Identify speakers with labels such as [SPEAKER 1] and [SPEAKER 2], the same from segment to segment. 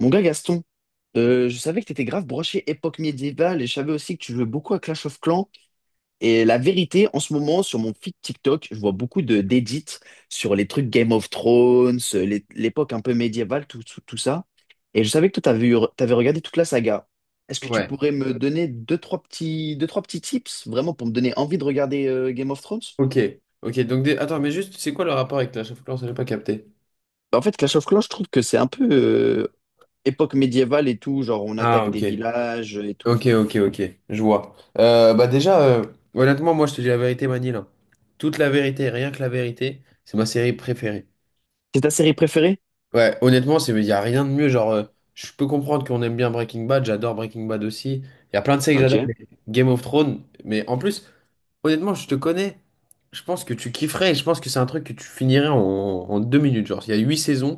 [SPEAKER 1] Mon gars Gaston, je savais que t'étais grave broché époque médiévale et je savais aussi que tu jouais beaucoup à Clash of Clans. Et la vérité, en ce moment, sur mon feed TikTok, je vois beaucoup de d'edits sur les trucs Game of Thrones, l'époque un peu médiévale, tout ça. Et je savais que toi, t'avais regardé toute la saga. Est-ce que tu
[SPEAKER 2] Ouais.
[SPEAKER 1] pourrais me donner deux, trois petits tips, vraiment, pour me donner envie de regarder Game of Thrones?
[SPEAKER 2] Ok. Ok. Donc, attends, mais juste, c'est quoi le rapport avec la of Clans? Je n'ai pas capté.
[SPEAKER 1] Bah, en fait, Clash of Clans, je trouve que c'est un peu époque médiévale et tout, genre on
[SPEAKER 2] Ah,
[SPEAKER 1] attaque
[SPEAKER 2] ok.
[SPEAKER 1] des villages et tout.
[SPEAKER 2] Ok, ok, ok. Je vois. Bah, déjà, honnêtement, moi, je te dis la vérité, Manil, hein. Toute la vérité, rien que la vérité, c'est ma série préférée.
[SPEAKER 1] C'est ta série préférée?
[SPEAKER 2] Ouais, honnêtement, il n'y a rien de mieux. Genre, je peux comprendre qu'on aime bien Breaking Bad. J'adore Breaking Bad aussi. Il y a plein de séries que j'adore,
[SPEAKER 1] Ok.
[SPEAKER 2] mais Game of Thrones. Mais en plus. Honnêtement, je te connais. Je pense que tu kifferais et je pense que c'est un truc que tu finirais en 2 minutes. Genre, il y a 8 saisons,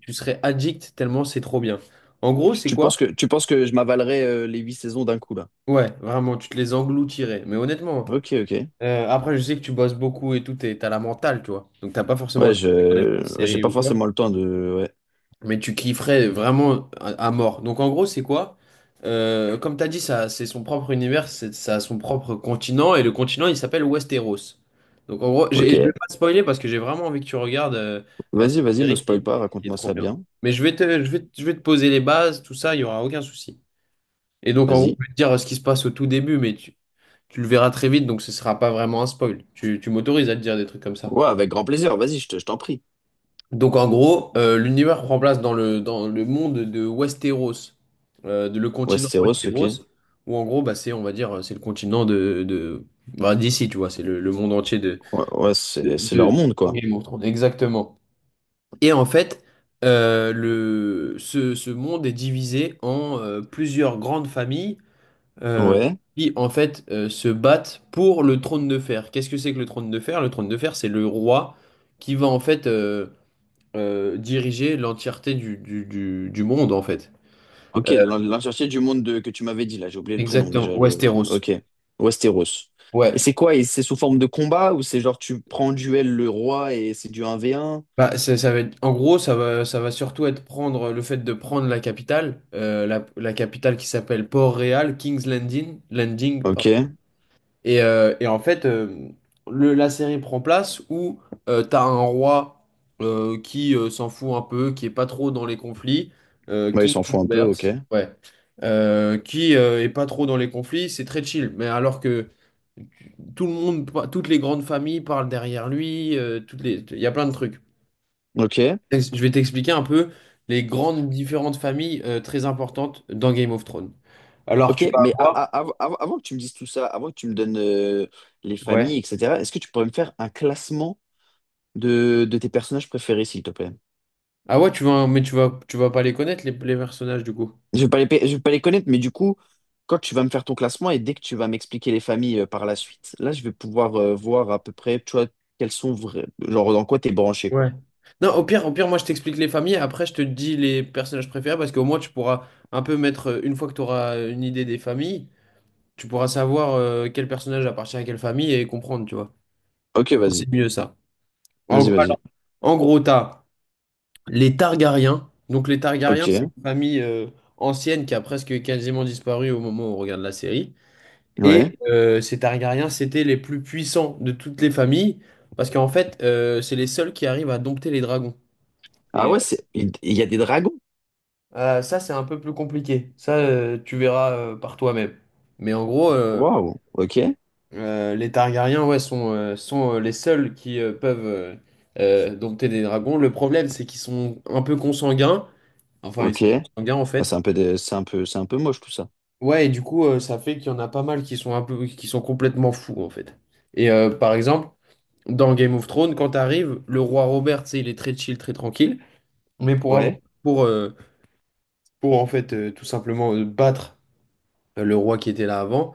[SPEAKER 2] tu serais addict tellement c'est trop bien. En gros,
[SPEAKER 1] Tu,
[SPEAKER 2] c'est
[SPEAKER 1] tu
[SPEAKER 2] quoi?
[SPEAKER 1] penses que, tu penses que je m'avalerais les 8 saisons d'un coup, là?
[SPEAKER 2] Ouais, vraiment, tu te les engloutirais. Mais honnêtement,
[SPEAKER 1] Ok, ok.
[SPEAKER 2] après, je sais que tu bosses beaucoup et tout, et t'as la mentale, tu vois. Donc, t'as pas forcément le temps de regarder plein de
[SPEAKER 1] J'ai
[SPEAKER 2] séries
[SPEAKER 1] pas
[SPEAKER 2] ou quoi.
[SPEAKER 1] forcément le temps de... Ouais.
[SPEAKER 2] Mais tu kifferais vraiment à mort. Donc en gros, c'est quoi? Comme tu as dit, ça, c'est son propre univers, ça a son propre continent, et le continent, il s'appelle Westeros. Donc en gros, je vais
[SPEAKER 1] Ok.
[SPEAKER 2] pas te spoiler parce que j'ai vraiment envie que tu regardes cette
[SPEAKER 1] Vas-y, vas-y, me
[SPEAKER 2] série qui
[SPEAKER 1] spoil pas,
[SPEAKER 2] est, qui est
[SPEAKER 1] raconte-moi
[SPEAKER 2] trop
[SPEAKER 1] ça
[SPEAKER 2] bien.
[SPEAKER 1] bien.
[SPEAKER 2] Mais je vais te poser les bases, tout ça, il y aura aucun souci. Et donc en gros,
[SPEAKER 1] Vas-y.
[SPEAKER 2] je vais te dire ce qui se passe au tout début, mais tu le verras très vite, donc ce sera pas vraiment un spoil. Tu m'autorises à te dire des trucs comme ça.
[SPEAKER 1] Ouais, avec grand plaisir, vas-y, je t'en prie.
[SPEAKER 2] Donc en gros, l'univers prend place dans le, monde de Westeros, de le continent
[SPEAKER 1] Westeros, ok.
[SPEAKER 2] Westeros, où en gros, bah, c'est, on va dire, c'est le continent de bah, d'ici, tu vois, c'est le monde entier
[SPEAKER 1] Ouais, ouais,
[SPEAKER 2] de,
[SPEAKER 1] c'est
[SPEAKER 2] de-
[SPEAKER 1] leur monde,
[SPEAKER 2] de
[SPEAKER 1] quoi.
[SPEAKER 2] Game of Thrones. Exactement. Et en fait, ce monde est divisé en plusieurs grandes familles euh,
[SPEAKER 1] Ouais.
[SPEAKER 2] qui, en fait, se battent pour le trône de fer. Qu'est-ce que c'est que le trône de fer? Le trône de fer, c'est le roi qui va, en fait, diriger l'entièreté du monde, en fait.
[SPEAKER 1] Ok,
[SPEAKER 2] Euh,
[SPEAKER 1] l'entièreté du monde que tu m'avais dit, là, j'ai oublié le prénom
[SPEAKER 2] Exactement,
[SPEAKER 1] déjà.
[SPEAKER 2] Westeros.
[SPEAKER 1] Ok. Westeros. Et
[SPEAKER 2] Ouais.
[SPEAKER 1] c'est quoi? Et c'est sous forme de combat ou c'est genre tu prends en duel le roi et c'est du un v un?
[SPEAKER 2] Bah, ça va être, en gros, ça va surtout être prendre le fait de prendre la capitale, la capitale qui s'appelle Port-Réal, King's Landing, Landing, pardon.
[SPEAKER 1] Ok.
[SPEAKER 2] Et en fait, la série prend place où t'as un roi qui s'en fout un peu, qui est pas trop dans les conflits,
[SPEAKER 1] Ouais, ils
[SPEAKER 2] King
[SPEAKER 1] s'en foutent un peu,
[SPEAKER 2] Robert,
[SPEAKER 1] ok.
[SPEAKER 2] ouais, qui est pas trop dans les conflits, c'est très chill. Mais alors que tout le monde, toutes les grandes familles parlent derrière lui, il y a plein de trucs.
[SPEAKER 1] Ok.
[SPEAKER 2] Je vais t'expliquer un peu les grandes différentes familles très importantes dans Game of Thrones. Alors
[SPEAKER 1] Ok,
[SPEAKER 2] tu vas
[SPEAKER 1] mais
[SPEAKER 2] avoir...
[SPEAKER 1] avant que tu me dises tout ça, avant que tu me donnes les familles,
[SPEAKER 2] Ouais.
[SPEAKER 1] etc., est-ce que tu pourrais me faire un classement de tes personnages préférés, s'il te plaît?
[SPEAKER 2] Ah ouais, tu vas, mais tu vas pas les connaître, les personnages, du coup.
[SPEAKER 1] Je vais pas les connaître, mais du coup, quand tu vas me faire ton classement et dès que tu vas m'expliquer les familles par la suite, là, je vais pouvoir voir à peu près, tu vois, quels sont vrais, genre dans quoi t'es branché,
[SPEAKER 2] Ouais.
[SPEAKER 1] quoi.
[SPEAKER 2] Non, au pire, moi je t'explique les familles, après je te dis les personnages préférés, parce qu'au moins tu pourras un peu mettre, une fois que tu auras une idée des familles, tu pourras savoir quel personnage appartient à quelle famille et comprendre, tu vois.
[SPEAKER 1] Ok,
[SPEAKER 2] C'est mieux ça. En, gros,
[SPEAKER 1] vas-y.
[SPEAKER 2] en gros, t'as les Targaryens. Donc les Targaryens, c'est
[SPEAKER 1] Ok,
[SPEAKER 2] une famille ancienne qui a presque quasiment disparu au moment où on regarde la série.
[SPEAKER 1] ouais.
[SPEAKER 2] Et ces Targaryens, c'était les plus puissants de toutes les familles, parce qu'en fait, c'est les seuls qui arrivent à dompter les dragons.
[SPEAKER 1] Ah
[SPEAKER 2] Et
[SPEAKER 1] ouais, c'est, il y a des dragons.
[SPEAKER 2] ah, ça, c'est un peu plus compliqué. Ça, tu verras par toi-même. Mais en gros,
[SPEAKER 1] Waouh, ok,
[SPEAKER 2] les Targaryens, ouais, sont les seuls qui peuvent dompter des dragons. Le problème, c'est qu'ils sont un peu consanguins. Enfin, ils
[SPEAKER 1] ok.
[SPEAKER 2] sont consanguins, en
[SPEAKER 1] Ah,
[SPEAKER 2] fait.
[SPEAKER 1] c'est un peu moche tout ça.
[SPEAKER 2] Ouais, et du coup, ça fait qu'il y en a pas mal qui sont complètement fous, en fait. Et par exemple, dans Game of Thrones, quand t'arrives, le roi Robert, tu sais, il est très chill, très tranquille. Mais pour avoir,
[SPEAKER 1] Ouais.
[SPEAKER 2] pour, euh, pour en fait, tout simplement battre le roi qui était là avant,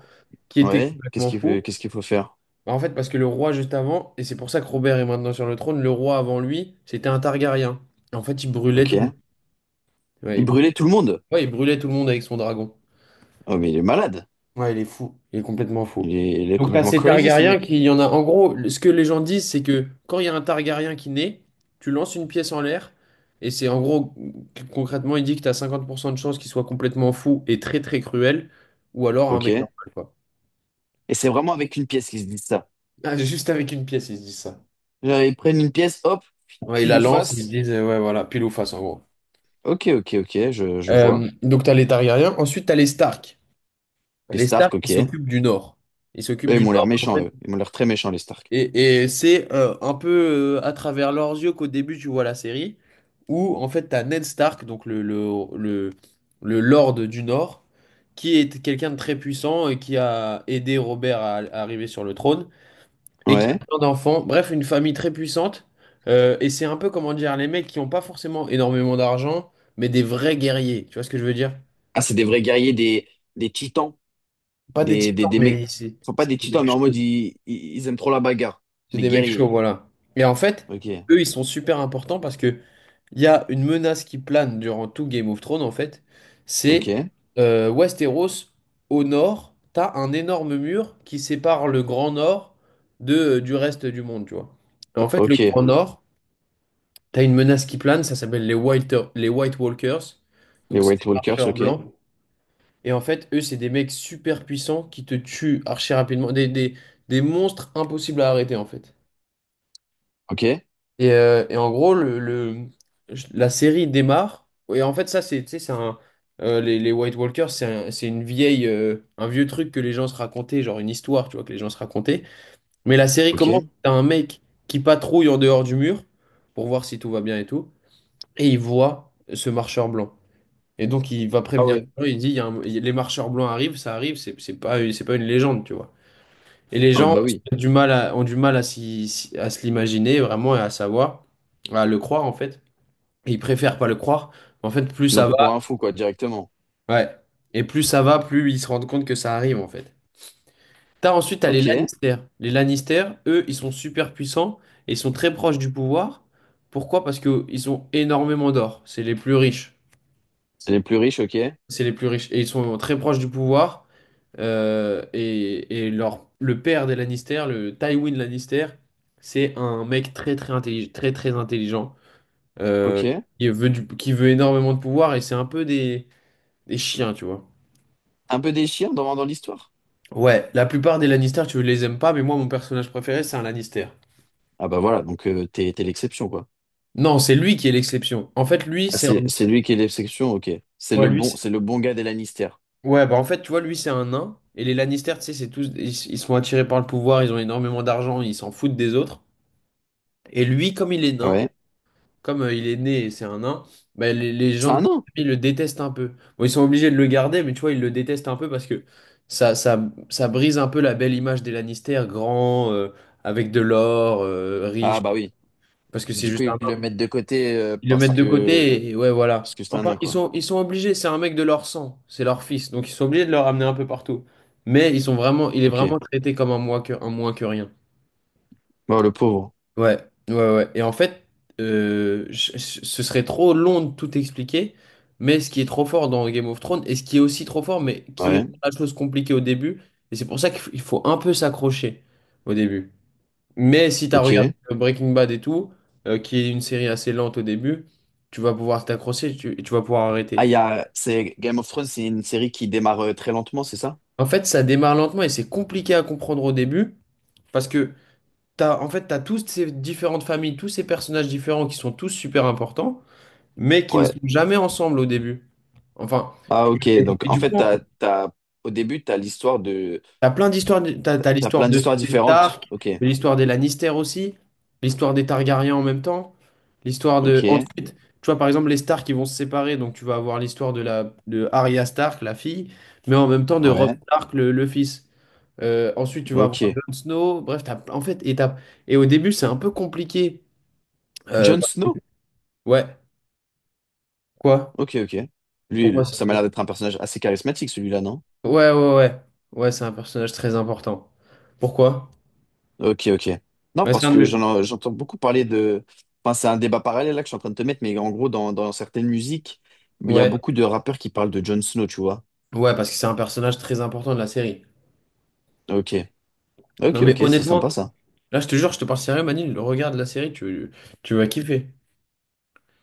[SPEAKER 2] qui était
[SPEAKER 1] Ouais,
[SPEAKER 2] complètement fou.
[SPEAKER 1] qu'est-ce qu'il faut faire?
[SPEAKER 2] Bah, en fait, parce que le roi juste avant, et c'est pour ça que Robert est maintenant sur le trône, le roi avant lui, c'était un Targaryen. En fait, il brûlait tout le monde.
[SPEAKER 1] Ok.
[SPEAKER 2] Ouais,
[SPEAKER 1] Il
[SPEAKER 2] il
[SPEAKER 1] brûlait
[SPEAKER 2] brûlait,
[SPEAKER 1] tout le monde.
[SPEAKER 2] ouais, il brûlait tout le monde avec son dragon.
[SPEAKER 1] Oh, mais il est malade.
[SPEAKER 2] Ouais, il est fou. Il est complètement fou.
[SPEAKER 1] Il est
[SPEAKER 2] Donc, t'as
[SPEAKER 1] complètement
[SPEAKER 2] ces
[SPEAKER 1] crazy, ce
[SPEAKER 2] Targaryens
[SPEAKER 1] mec.
[SPEAKER 2] qui, il y en a. En gros, ce que les gens disent, c'est que quand il y a un Targaryen qui naît, tu lances une pièce en l'air, et c'est en gros, concrètement, il dit que t'as 50% de chances qu'il soit complètement fou et très très cruel, ou alors un
[SPEAKER 1] Ok.
[SPEAKER 2] mec
[SPEAKER 1] Et
[SPEAKER 2] normal, quoi.
[SPEAKER 1] c'est vraiment avec une pièce qu'ils se disent ça.
[SPEAKER 2] Ah, juste avec une pièce, ils se disent ça.
[SPEAKER 1] Genre, ils prennent une pièce, hop,
[SPEAKER 2] Ouais, ils
[SPEAKER 1] pile
[SPEAKER 2] la
[SPEAKER 1] ou
[SPEAKER 2] lancent, ils se
[SPEAKER 1] face.
[SPEAKER 2] disent, ouais, voilà, pile ou face, en gros.
[SPEAKER 1] Ok, ok, ok, je vois.
[SPEAKER 2] Donc, t'as les Targaryens. Ensuite, t'as les Stark.
[SPEAKER 1] Les
[SPEAKER 2] Les Stark,
[SPEAKER 1] Stark,
[SPEAKER 2] ils
[SPEAKER 1] ok.
[SPEAKER 2] s'occupent du Nord. Ils
[SPEAKER 1] Là,
[SPEAKER 2] s'occupent
[SPEAKER 1] ils
[SPEAKER 2] du
[SPEAKER 1] m'ont l'air
[SPEAKER 2] Nord. En
[SPEAKER 1] méchants, eux.
[SPEAKER 2] fait,
[SPEAKER 1] Ils m'ont l'air très méchants, les Stark.
[SPEAKER 2] et c'est un peu à travers leurs yeux qu'au début tu vois la série, où en fait t'as Ned Stark, donc le Lord du Nord, qui est quelqu'un de très puissant et qui a aidé Robert à arriver sur le trône, et qui a
[SPEAKER 1] Ouais.
[SPEAKER 2] plein d'enfants, bref, une famille très puissante. Et c'est un peu, comment dire, les mecs qui n'ont pas forcément énormément d'argent, mais des vrais guerriers, tu vois ce que je veux dire?
[SPEAKER 1] Ah, c'est des vrais guerriers, des titans.
[SPEAKER 2] Pas des titans,
[SPEAKER 1] Des mecs.
[SPEAKER 2] mais c'est
[SPEAKER 1] Enfin, pas des
[SPEAKER 2] c'est des
[SPEAKER 1] titans,
[SPEAKER 2] mecs
[SPEAKER 1] mais en mode,
[SPEAKER 2] chauds.
[SPEAKER 1] ils aiment trop la bagarre.
[SPEAKER 2] C'est
[SPEAKER 1] Des
[SPEAKER 2] des mecs chauds,
[SPEAKER 1] guerriers.
[SPEAKER 2] voilà. Et en fait,
[SPEAKER 1] Ok,
[SPEAKER 2] eux, ils sont super importants parce que il y a une menace qui plane durant tout Game of Thrones, en fait. C'est
[SPEAKER 1] ok,
[SPEAKER 2] Westeros, au nord, t'as un énorme mur qui sépare le Grand Nord du reste du monde, tu vois. Et en fait, le
[SPEAKER 1] ok.
[SPEAKER 2] Grand Nord, t'as une menace qui plane, ça s'appelle les White Walkers.
[SPEAKER 1] Les
[SPEAKER 2] Donc, c'est des
[SPEAKER 1] White Walkers,
[SPEAKER 2] marcheurs
[SPEAKER 1] ok.
[SPEAKER 2] blancs. Et en fait, eux, c'est des mecs super puissants qui te tuent archi rapidement. Des monstres impossibles à arrêter, en fait.
[SPEAKER 1] Ok,
[SPEAKER 2] Et en gros, la série démarre. Et en fait, ça, c'est, tu sais, les White Walkers, c'est un- c'est une vieille, un vieux truc que les gens se racontaient, genre une histoire, tu vois, que les gens se racontaient. Mais la série commence,
[SPEAKER 1] ok.
[SPEAKER 2] t'as un mec qui patrouille en dehors du mur pour voir si tout va bien et tout. Et il voit ce marcheur blanc. Et donc, il va
[SPEAKER 1] Ah
[SPEAKER 2] prévenir
[SPEAKER 1] ouais.
[SPEAKER 2] les gens, il dit, il y a un- il y a- les marcheurs blancs arrivent, ça arrive, c'est pas, c'est pas une légende, tu vois. Et les
[SPEAKER 1] Ah
[SPEAKER 2] gens
[SPEAKER 1] bah oui,
[SPEAKER 2] ont du mal à, à se l'imaginer vraiment et à savoir, à le croire en fait. Et ils préfèrent pas le croire. En fait, plus
[SPEAKER 1] ils l'ont
[SPEAKER 2] ça
[SPEAKER 1] pris
[SPEAKER 2] va,
[SPEAKER 1] pour un fou, quoi, directement.
[SPEAKER 2] ouais. Et plus ça va, plus ils se rendent compte que ça arrive en fait. T'as ensuite, t'as les
[SPEAKER 1] Ok, c'est
[SPEAKER 2] Lannister. Les Lannister, eux, ils sont super puissants et ils sont très proches du pouvoir. Pourquoi? Parce qu'ils ont énormément d'or. C'est les plus riches.
[SPEAKER 1] les plus riches, ok,
[SPEAKER 2] C'est les plus riches. Et ils sont très proches du pouvoir. Et leur, le père des Lannister, le Tywin Lannister, c'est un mec très très intelligent, euh,
[SPEAKER 1] ok.
[SPEAKER 2] qui veut énormément de pouvoir et c'est un peu des chiens, tu vois.
[SPEAKER 1] Un peu déchirant dans l'histoire.
[SPEAKER 2] Ouais, la plupart des Lannister, tu les aimes pas, mais moi mon personnage préféré c'est un Lannister.
[SPEAKER 1] Ah bah voilà, donc t'es l'exception, quoi.
[SPEAKER 2] Non, c'est lui qui est l'exception. En fait, lui
[SPEAKER 1] Ah,
[SPEAKER 2] c'est un,
[SPEAKER 1] c'est lui qui est l'exception, ok.
[SPEAKER 2] ouais, lui, c'est-
[SPEAKER 1] C'est le bon gars des Lannister.
[SPEAKER 2] ouais, bah en fait tu vois lui c'est un nain et les Lannister, tu sais, c'est tous, ils sont attirés par le pouvoir, ils ont énormément d'argent, ils s'en foutent des autres. Et lui, comme il est nain,
[SPEAKER 1] Ouais.
[SPEAKER 2] comme il est né et c'est un nain, bah, les
[SPEAKER 1] C'est
[SPEAKER 2] gens de
[SPEAKER 1] un
[SPEAKER 2] sa
[SPEAKER 1] nain.
[SPEAKER 2] famille le détestent un peu. Bon, ils sont obligés de le garder, mais tu vois, ils le détestent un peu parce que ça, ça, ça brise un peu la belle image des Lannister, grand, avec de l'or,
[SPEAKER 1] Ah
[SPEAKER 2] riche,
[SPEAKER 1] bah oui.
[SPEAKER 2] parce que c'est
[SPEAKER 1] Du coup,
[SPEAKER 2] juste un
[SPEAKER 1] ils le
[SPEAKER 2] nain.
[SPEAKER 1] mettent de côté
[SPEAKER 2] Ils le mettent de côté et ouais,
[SPEAKER 1] parce
[SPEAKER 2] voilà.
[SPEAKER 1] que c'est un
[SPEAKER 2] Enfin,
[SPEAKER 1] nain,
[SPEAKER 2] ils
[SPEAKER 1] quoi.
[SPEAKER 2] sont, ils sont obligés, c'est un mec de leur sang, c'est leur fils, donc ils sont obligés de le ramener un peu partout. Mais il est
[SPEAKER 1] Ok.
[SPEAKER 2] vraiment traité comme un moins que rien.
[SPEAKER 1] Bon, le pauvre.
[SPEAKER 2] Ouais, ouais, ouais. Et en fait, ce serait trop long de tout expliquer, mais ce qui est trop fort dans Game of Thrones, et ce qui est aussi trop fort, mais qui
[SPEAKER 1] Ouais.
[SPEAKER 2] rend la chose compliquée au début, et c'est pour ça qu'il f- il faut un peu s'accrocher au début. Mais si tu as regardé
[SPEAKER 1] Ok.
[SPEAKER 2] Breaking Bad et tout, qui est une série assez lente au début, tu vas pouvoir t'accrocher et tu vas pouvoir arrêter.
[SPEAKER 1] Ah, il y a... c'est Game of Thrones, c'est une série qui démarre très lentement, c'est ça?
[SPEAKER 2] En fait, ça démarre lentement et c'est compliqué à comprendre au début, parce que en fait, t'as toutes ces différentes familles, tous ces personnages différents qui sont tous super importants, mais qui ne sont
[SPEAKER 1] Ouais.
[SPEAKER 2] jamais ensemble au début. Enfin,
[SPEAKER 1] Ah ok,
[SPEAKER 2] et,
[SPEAKER 1] donc
[SPEAKER 2] et
[SPEAKER 1] en
[SPEAKER 2] du
[SPEAKER 1] fait,
[SPEAKER 2] coup,
[SPEAKER 1] t'as... au début, t'as l'histoire de...
[SPEAKER 2] t'as plein d'histoires. T'as
[SPEAKER 1] T'as
[SPEAKER 2] l'histoire
[SPEAKER 1] plein
[SPEAKER 2] de,
[SPEAKER 1] d'histoires
[SPEAKER 2] des
[SPEAKER 1] différentes.
[SPEAKER 2] Stark,
[SPEAKER 1] Ok,
[SPEAKER 2] mais l'histoire des Lannister aussi, l'histoire des Targaryens en même temps, l'histoire de.
[SPEAKER 1] ok,
[SPEAKER 2] Ensuite, tu vois, par exemple, les Stark qui vont se séparer, donc tu vas avoir l'histoire de Arya Stark, la fille, mais en même temps de Robb
[SPEAKER 1] ouais,
[SPEAKER 2] Stark, le fils. Ensuite, tu vas avoir
[SPEAKER 1] ok.
[SPEAKER 2] Jon Snow. Bref, t'as, en fait, et, t'as- et au début, c'est un peu compliqué. Euh,
[SPEAKER 1] Jon Snow?
[SPEAKER 2] ouais, quoi?
[SPEAKER 1] Ok, ok. Lui,
[SPEAKER 2] Pourquoi ça?
[SPEAKER 1] ça m'a l'air d'être un personnage assez charismatique, celui-là, non?
[SPEAKER 2] Ouais, ouais, ouais. Ouais, c'est un personnage très important. Pourquoi?
[SPEAKER 1] Ok, ok. Non,
[SPEAKER 2] Ouais, c'est
[SPEAKER 1] parce
[SPEAKER 2] un
[SPEAKER 1] que
[SPEAKER 2] de mes-
[SPEAKER 1] j'entends beaucoup parler de... Enfin, c'est un débat parallèle là que je suis en train de te mettre, mais en gros, dans certaines musiques, il y a
[SPEAKER 2] Ouais.
[SPEAKER 1] beaucoup de rappeurs qui parlent de Jon Snow, tu vois.
[SPEAKER 2] Ouais, parce que c'est un personnage très important de la série.
[SPEAKER 1] Ok, ok,
[SPEAKER 2] Non, mais
[SPEAKER 1] ok, c'est sympa
[SPEAKER 2] honnêtement,
[SPEAKER 1] ça.
[SPEAKER 2] là, je te jure, je te parle sérieux, Manil. Regarde la série, tu vas kiffer.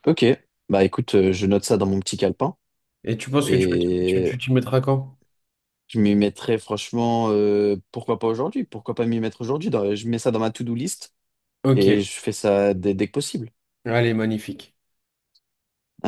[SPEAKER 1] Ok, bah écoute, je note ça dans mon petit calepin
[SPEAKER 2] Et tu penses que tu vas kiffer, tu,
[SPEAKER 1] et
[SPEAKER 2] tu t'y mettras quand?
[SPEAKER 1] je m'y mettrai franchement, pourquoi pas aujourd'hui? Pourquoi pas m'y mettre aujourd'hui? Je mets ça dans ma to-do list.
[SPEAKER 2] Ok.
[SPEAKER 1] Et je fais ça dès que possible.
[SPEAKER 2] Allez, magnifique.